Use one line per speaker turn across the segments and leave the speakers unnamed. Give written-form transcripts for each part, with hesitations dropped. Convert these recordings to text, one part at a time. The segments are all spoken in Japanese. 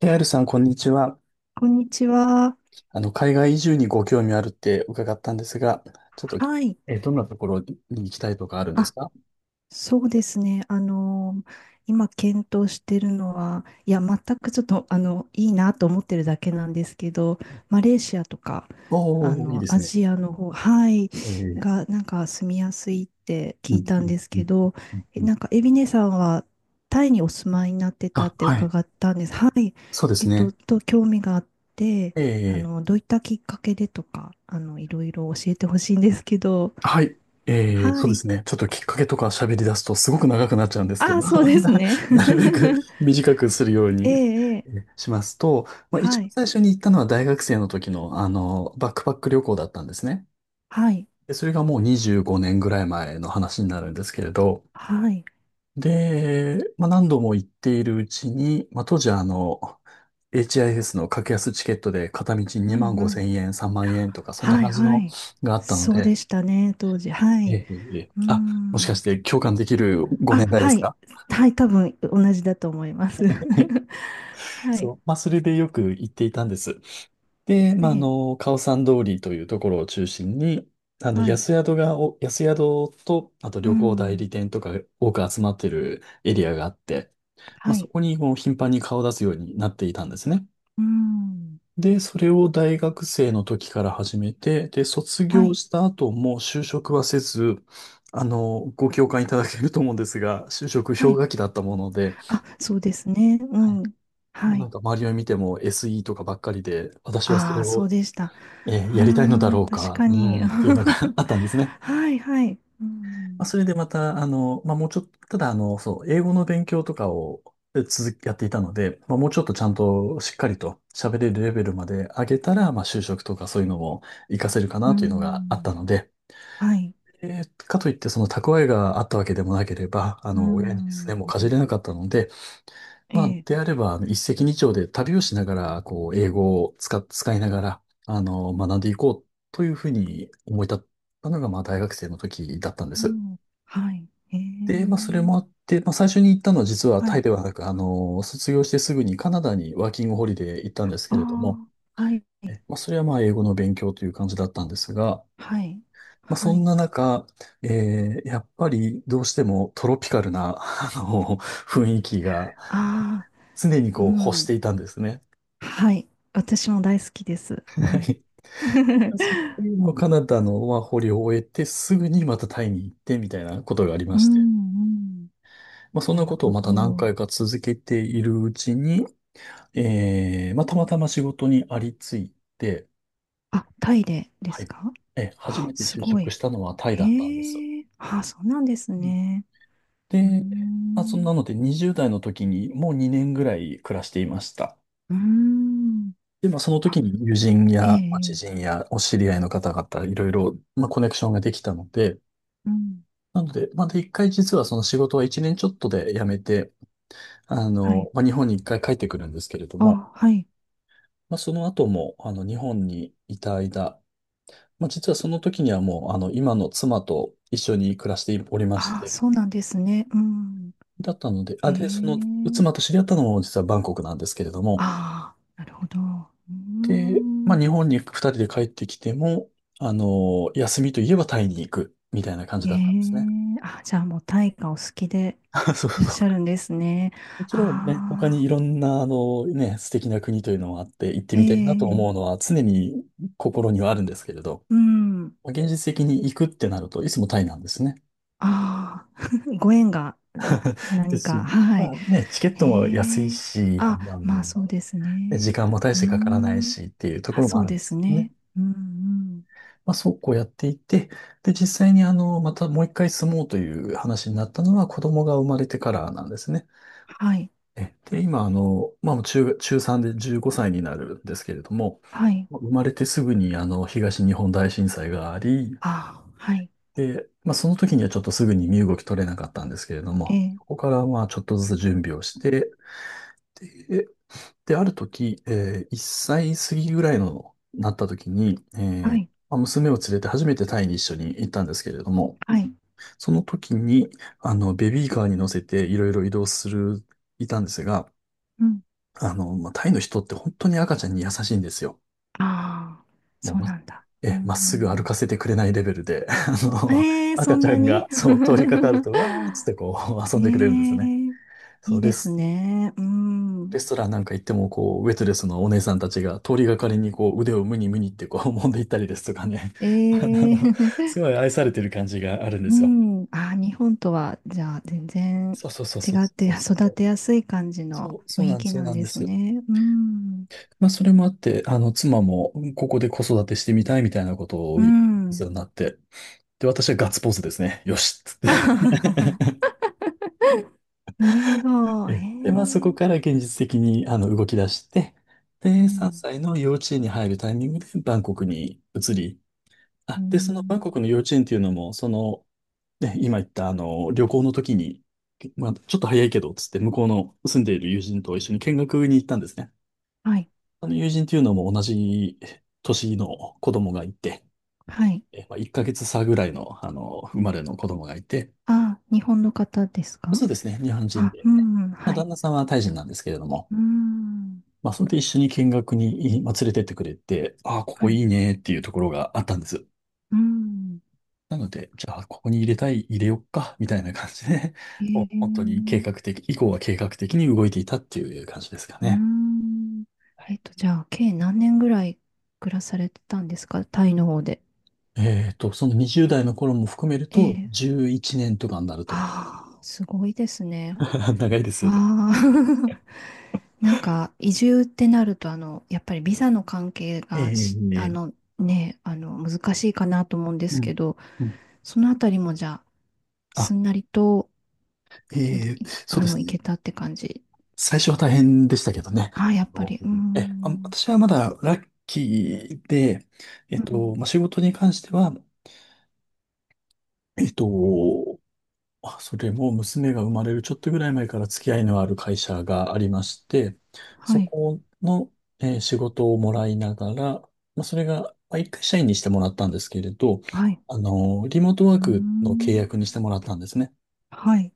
ケーアールさん、こんにちは。
こんにちは。
海外移住にご興味あるって伺ったんですが、ちょっと、
はい。
どんなところに行きたいとかあるんです
あ、
か？
そうですね。今検討してるのは、いや、全くちょっと、いいなと思ってるだけなんですけど、マレーシアとか、
おー、いいです
ア
ね。
ジアの方、はい、
えー、
が、なんか住みやすいって
う
聞い
ん、
た
う
ん
ん、
です
う
け
ん、
ど、
うんうん。
なんか、エビネさんは、タイにお住まいになってたっ
あ、
て
はい。
伺ったんです。はい。
そうですね。
興味があって、
えー、
どういったきっかけでとか、いろいろ教えてほしいんですけど、
はい。
は
そうで
い。
すね。ちょっときっかけとか喋り出すとすごく長くなっちゃうんですけ
ああ、
ど、
そうですね。
なるべく 短くするよう
え
に
え、ええ、
しますと、まあ、一
は
番
い、
最初に行ったのは大学生の時の、バックパック旅行だったんですね。
はい、
で、それがもう25年ぐらい前の話になるんですけれど、
はい。
で、まあ、何度も行っているうちに、まあ、当時はHIS の格安チケットで片道
う
2万
んう
5
ん。
千円、3万円とか、そんな
はい、
感じ
は
の
い。
があったの
そうで
で、
したね、当時。はい。
ええ、いえいえ
うー
あ、もしか
ん。
して共感できるご
あ、
年代で
は
す
い。
か？
はい、多分同じだと思います。
はい。
は
そ
い。
う。まあ、それでよく行っていたんです。で、
え
まあ、
え、
カオサン通りというところを中心に、
はい。
安宿と、あと
う
旅行代
ん。
理店とか多く集まってるエリアがあって、まあ、
は
そ
い。
こにこう頻繁に顔を出すようになっていたんですね。
うん。
で、それを大学生の時から始めて、で、卒
は
業
い。
した後も就職はせず、ご共感いただけると思うんですが、就職
は
氷
い。
河期だったもので、
あ、そうですね。う
はい。
ん。
まあ、
は
なん
い。
か周りを見ても SE とかばっかりで、私はそ
あ
れ
あ、そ
を
うでした。あ
やりたいのだ
あ、
ろう
確
か、
か
う
に。
ーん、っていうのが あったんですね。
はい、はい。う
まあ、
ん
それでまた、まあ、もうちょっと、ただ、そう、英語の勉強とかを続き、やっていたので、まあ、もうちょっとちゃんとしっかりと喋れるレベルまで上げたら、まあ、就職とかそういうのも活かせるか
う
なというのがあった
ん。
ので、
はい。
かといって、その蓄えがあったわけでもなければ、
う
親にです
ん。
ね、もうかじれなかったので、
え
まあ、
え。
であれば、一石二鳥で旅をしながら、こう、英語を使いながら、学んでいこうというふうに思い立ったのが、まあ、大学生の時だったんで
う
す。
ん。はい。え
で、まあ、それ
え。
もあって、まあ、最初に行ったのは実は
は
タイ
い。
ではなく、卒業してすぐにカナダにワーキングホリデー行ったんですけ
あ
れども、
あ。はい。
まあ、それはまあ、英語の勉強という感じだったんですが、
はい。
まあ、そ
は
ん
い。
な中、やっぱりどうしてもトロピカルな、雰囲気が
ああ。
常に
う
こう、欲し
ん。
ていたんですね。
はい。私も大好きです。はい。
そ こカナダのまあ捕虜を終えて、すぐにまたタイに行ってみたいなことがありま
うん。
して。
うん。
まあ、そん
な
な
る
ことを
ほ
また何
ど。
回か続けているうちに、まあ、たまたま仕事にありついて、
あ、タイでで
は
す
い。
か？
初
あ、
めて
す
就
ご
職
い。
したのはタイだったんです。
へえ。あ、そうなんです
うん
ね。うー
で、まあ、そん
ん。
なので20代の時にもう2年ぐらい暮らしていました。
うーん。
で、まあ、その
あ、
時に友人
ええ。
やまあ知
え
人
え、
やお知り合いの方々、いろいろ、まあ、コネクションができたので、
うん。
なので、まだ一回実はその仕事は一年ちょっとで辞めて、
はい。
まあ、日本に一回帰ってくるんですけれど
あ、
も、
はい。
まあ、その後も、日本にいた間、まあ、実はその時にはもう、今の妻と一緒に暮らしておりまし
あ、
て、
そうなんですね。うん。
だったので、
え
で、その、妻
え。
と知り合ったのも実はバンコクなんですけれども、
ああ、なるほど。う
で、まあ、
ん。
日本に二人で帰ってきても、休みといえばタイに行く、みたいな感じ
ええ。
だったんですね。
あ、じゃあもう大化お好きで
そう
いらっ
そう。
しゃるんですね。
もちろんね、他に
ああ、
いろんな、ね、素敵な国というのもあって、行って
え
みたいなと
え。
思うのは常に心にはあるんですけれど、
うん。
まあ現実的に行くってなると、いつもタイなんですね。
ああ、ご縁がん
で
何
す
か。
し、
は
ま
い。
あね、チケットも安い
ええ。
し、
あ、
ね、
まあそうです
時
ね。
間も大
う
し
ー
てかからない
ん。
しっていうとこ
あ、
ろも
そ
あ
う
るん
で
です
す
けどね。
ね。うんうん。
まあそうこうやっていて、で、実際にまたもう一回住もうという話になったのは子供が生まれてからなんですね。
はい。
で、今、まあ、中3で15歳になるんですけれども、
はい。
まあ生まれてすぐに、東日本大震災があり、
あ、はい。
で、まあ、その時にはちょっとすぐに身動き取れなかったんですけれど
ええ、
も、そこから、まあ、ちょっとずつ準備をして、で、ある時、1歳過ぎぐらいの、なった時に、
はい、
まあ娘を連れて初めてタイに一緒に行ったんですけれども、
はい。
その時に、ベビーカーに乗せていろいろ移動する、いたんですが、
うん。
まあ、タイの人って本当に赤ちゃんに優しいんですよ。
ああ、
もう
そう
ま、
なんだ。うー
え、まっすぐ歩
ん。
かせてくれないレベルで、
ええ、そ
赤
ん
ちゃ
な
ん
に。
が、そう、通りかかると、わーっつってこう、
え
遊んでくれるんですね。
え、
そ
い
う、
いですね。う
レス
ん。
トランなんか行っても、こう、ウェイトレスのお姉さんたちが通りがかりに、こう、腕をムニムニってこう、揉んでいったりですとかね。あ
え
の、すご
え。
い愛されてる感じがあるん で
う
すよ。
ん。ああ、日本とは、じゃあ、全然
そうそうそう
違
そう
って
そうそうそ
育
う。
てやすい感じ
そ
の
う、そ
雰
う
囲
なんです、
気
そう
なん
なん
で
で
す
す。
ね。うん。
まあ、それもあって、妻も、ここで子育てしてみたいみたいなことを
う
言うよう
ん。
になって、で、私はガッツポーズですね。よしっつっ て
あ はははなるほど。え
で、まあ、そこ
え、
から現実的に、動き出して、
う
で、3
ん。
歳の幼稚園に入るタイミングでバンコクに移り、
う
で、そのバンコ
ん。
クの幼稚園っていうのも、その、ね、今言った、旅行の時に、まあ、ちょっと早いけど、つって、向こうの住んでいる友人と一緒に見学に行ったんですね。
はい。
あの友人っていうのも同じ年の子供がいて、
はい。
まあ、1ヶ月差ぐらいの、生まれの子供がいて、
あ、日本の方ですか？
そうですね、日本人
あ、
で。
うん、
まあ、
は
旦
い。
那さんはタイ人なんですけれども、
うん、
まあ、それで一緒に見学に、まあ、連れてってくれて、ああ、こ
は
こ
い。
いいねっていうところがあったんです。
うん、
なので、じゃあ、ここに入れたい、入れよっか、みたいな感じで、
え
もう
え、
本当に計
う
画的、以降は計画的に動いていたっていう感じですかね。
ん。
はい
じゃあ、計何年ぐらい暮らされてたんですか、タイの方で？
えっと、その20代の頃も含める
え
と、
え。
11年とかになると思
ああ、すごいですね。
う。長いです
わ
よね。
あ。なんか、移住ってなると、あの、やっぱりビザの関係がし、
ええ、
ね、難しいかなと思うんで
う
す
ん。
けど、
うん、
そのあたりもじゃあ、
あ、
すんなりと、
え
い
え、そうです
行
ね。
けたって感じで
最
す
初は
か？
大変でしたけどね。あ
あ、やっぱ
の
り、うー
え、あ、
ん。
私はまだラッキーで、
う
まあ、
ん、
仕事に関しては、えっと、それも娘が生まれるちょっとぐらい前から付き合いのある会社がありまして、
は
そ
い、
この、仕事をもらいながら、まあ、それが、まあ、一回社員にしてもらったんですけれど、
はい。
リモートワー
うー
クの契
ん。
約にしてもらったんですね。
はい。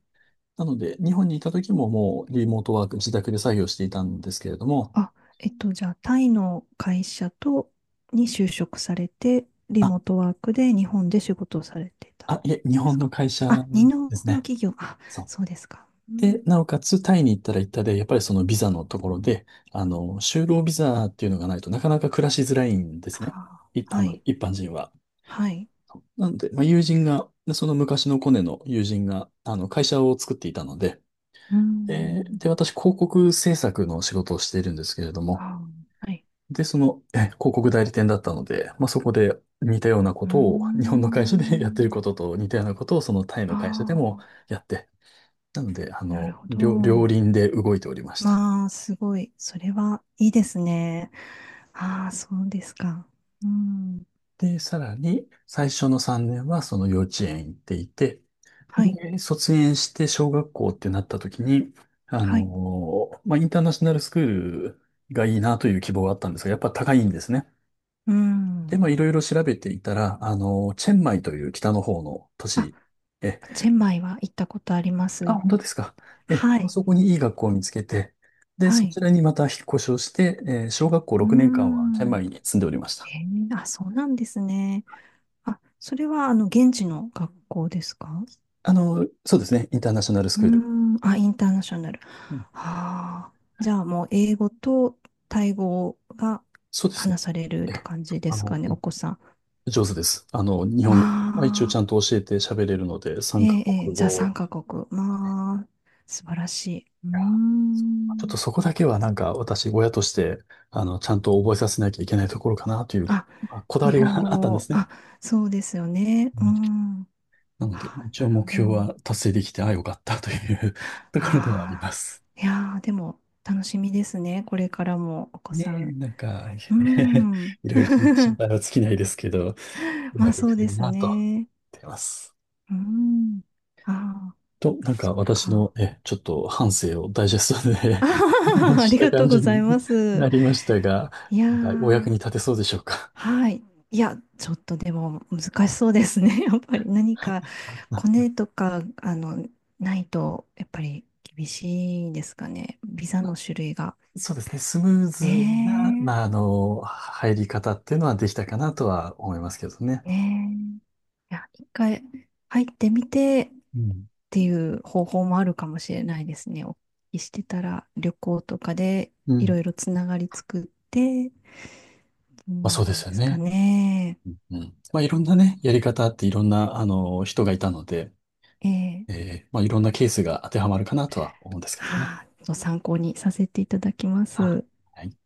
なので、日本にいた時ももうリモートワーク、自宅で作業していたんですけれども、
あ、じゃあ、タイの会社と、に就職されて、リモートワークで日本で仕事をされてたん
いえ、日
で
本
す
の
か？
会社
あ、日本
です
の
ね。
企業、あ、
そ
そうですか。う
う。で、
ん。
なおかつ、タイに行ったら行ったで、やっぱりそのビザのところで、就労ビザっていうのがないとなかなか暮らしづらいんですね。
は
い、
あ、
あ
は
の、
い、
一般人は。
はい。
なので、まあ、友人が、その昔のコネの友人が、会社を作っていたので、
うー
で、
ん。
で、私、広告制作の仕事をしているんですけれども、
あ、はい。
で、広告代理店だったので、まあ、そこで似たようなこ
うー
とを、日本の会社でやってる
ん。
ことと似たようなことを、そのタイの会社でも、
あ
やって、なので、
あ、なるほ
両
ど。
輪で動いておりました。
まあ、すごい。それはいいですね。ああ、そうですか。うん。
で、さらに、最初の3年はその幼稚園行っていて、
はい。
で、卒園して小学校ってなった時に、
はい。
まあ、インターナショナルスクールがいいなという希望があったんですが、やっぱ高いんですね。
う
で、
ん。
まあ、いろいろ調べていたら、チェンマイという北の方の都
あ、
市、え、
チェンマイは行ったことありま
あ、
す。
本当ですか？
は
まあ
い。
そこにいい学校を見つけて、で、
は
そち
い。
らにまた引っ越しをして、小学校
う
6年間はチェンマ
ん。
イに住んでおりました。
へえ、あ、そうなんですね。あ、それは、現地の学校ですか？
そうですね。インターナショナルス
う
クール。
ん。あ、インターナショナル。
うん。
ああ。じゃあ、もう、英語とタイ語が
そうですね。
話されるっ
え
て
え、
感じですかね、
う
お
ん、
子さん。
上手です。日
ま
本語は一応ちゃ
あ。
んと教えて喋れるので、
え
3カ
え、ええ、
国
じゃあ
語。
3カ国。まあ、素晴らしい。うー
いや、ちょっ
ん。
とそこだけはなんか私、親として、ちゃんと覚えさせなきゃいけないところかなという、
あ、
まあ、こだわ
日
りが
本
あったんで
語。
すね。
あ、そうですよね。
う
う
ん
ん。
なので、
あ、
一
な
応
るほ
目標
ど。
は達成できて、よかったという ところではあり
あ
ま
あ、
す。
いやー、でも、楽しみですね。これからも、お子
ね
さ
え、
ん。
なんか、
う ん。
いろいろ心配は尽きないですけど、う
ま
ま
あ、
くい
そ
く
う
と
で
いい
す
なと思っ
ね。
てます。
うん。ああ、
と、なん
そ
か
っ
私の、
か。
ちょっと反省をダイジェストで
あは
お
ははは
話
あ
しし
り
た
がとう
感
ご
じ
ざ
に
います。
なりましたが、
いや
なんかお役
ー。
に立てそうでしょうか。
はい。いや、ちょっとでも難しそうですね。やっぱり何かコ ネとか、あの、ないと、やっぱり厳しいですかね。ビザの種類が。
そうですね。スムーズな、
ね
まあ、入り方っていうのはできたかなとは思いますけどね。
え、ねえ。いや、一回入ってみてっ
うん。
ていう方法もあるかもしれないですね。お聞きしてたら、旅行とかで
う
いろ
ん。
いろつながり作って、う
まあ、そうで
ん
すよ
ですか
ね。
ね。
うんうん。まあ、いろんなね、やり方あっていろんな、人がいたので、
ええ、
まあ、いろんなケースが当てはまるかなとは思うんですけども。
はあ、ちょっと参考にさせていただきま
あ
す。
はい。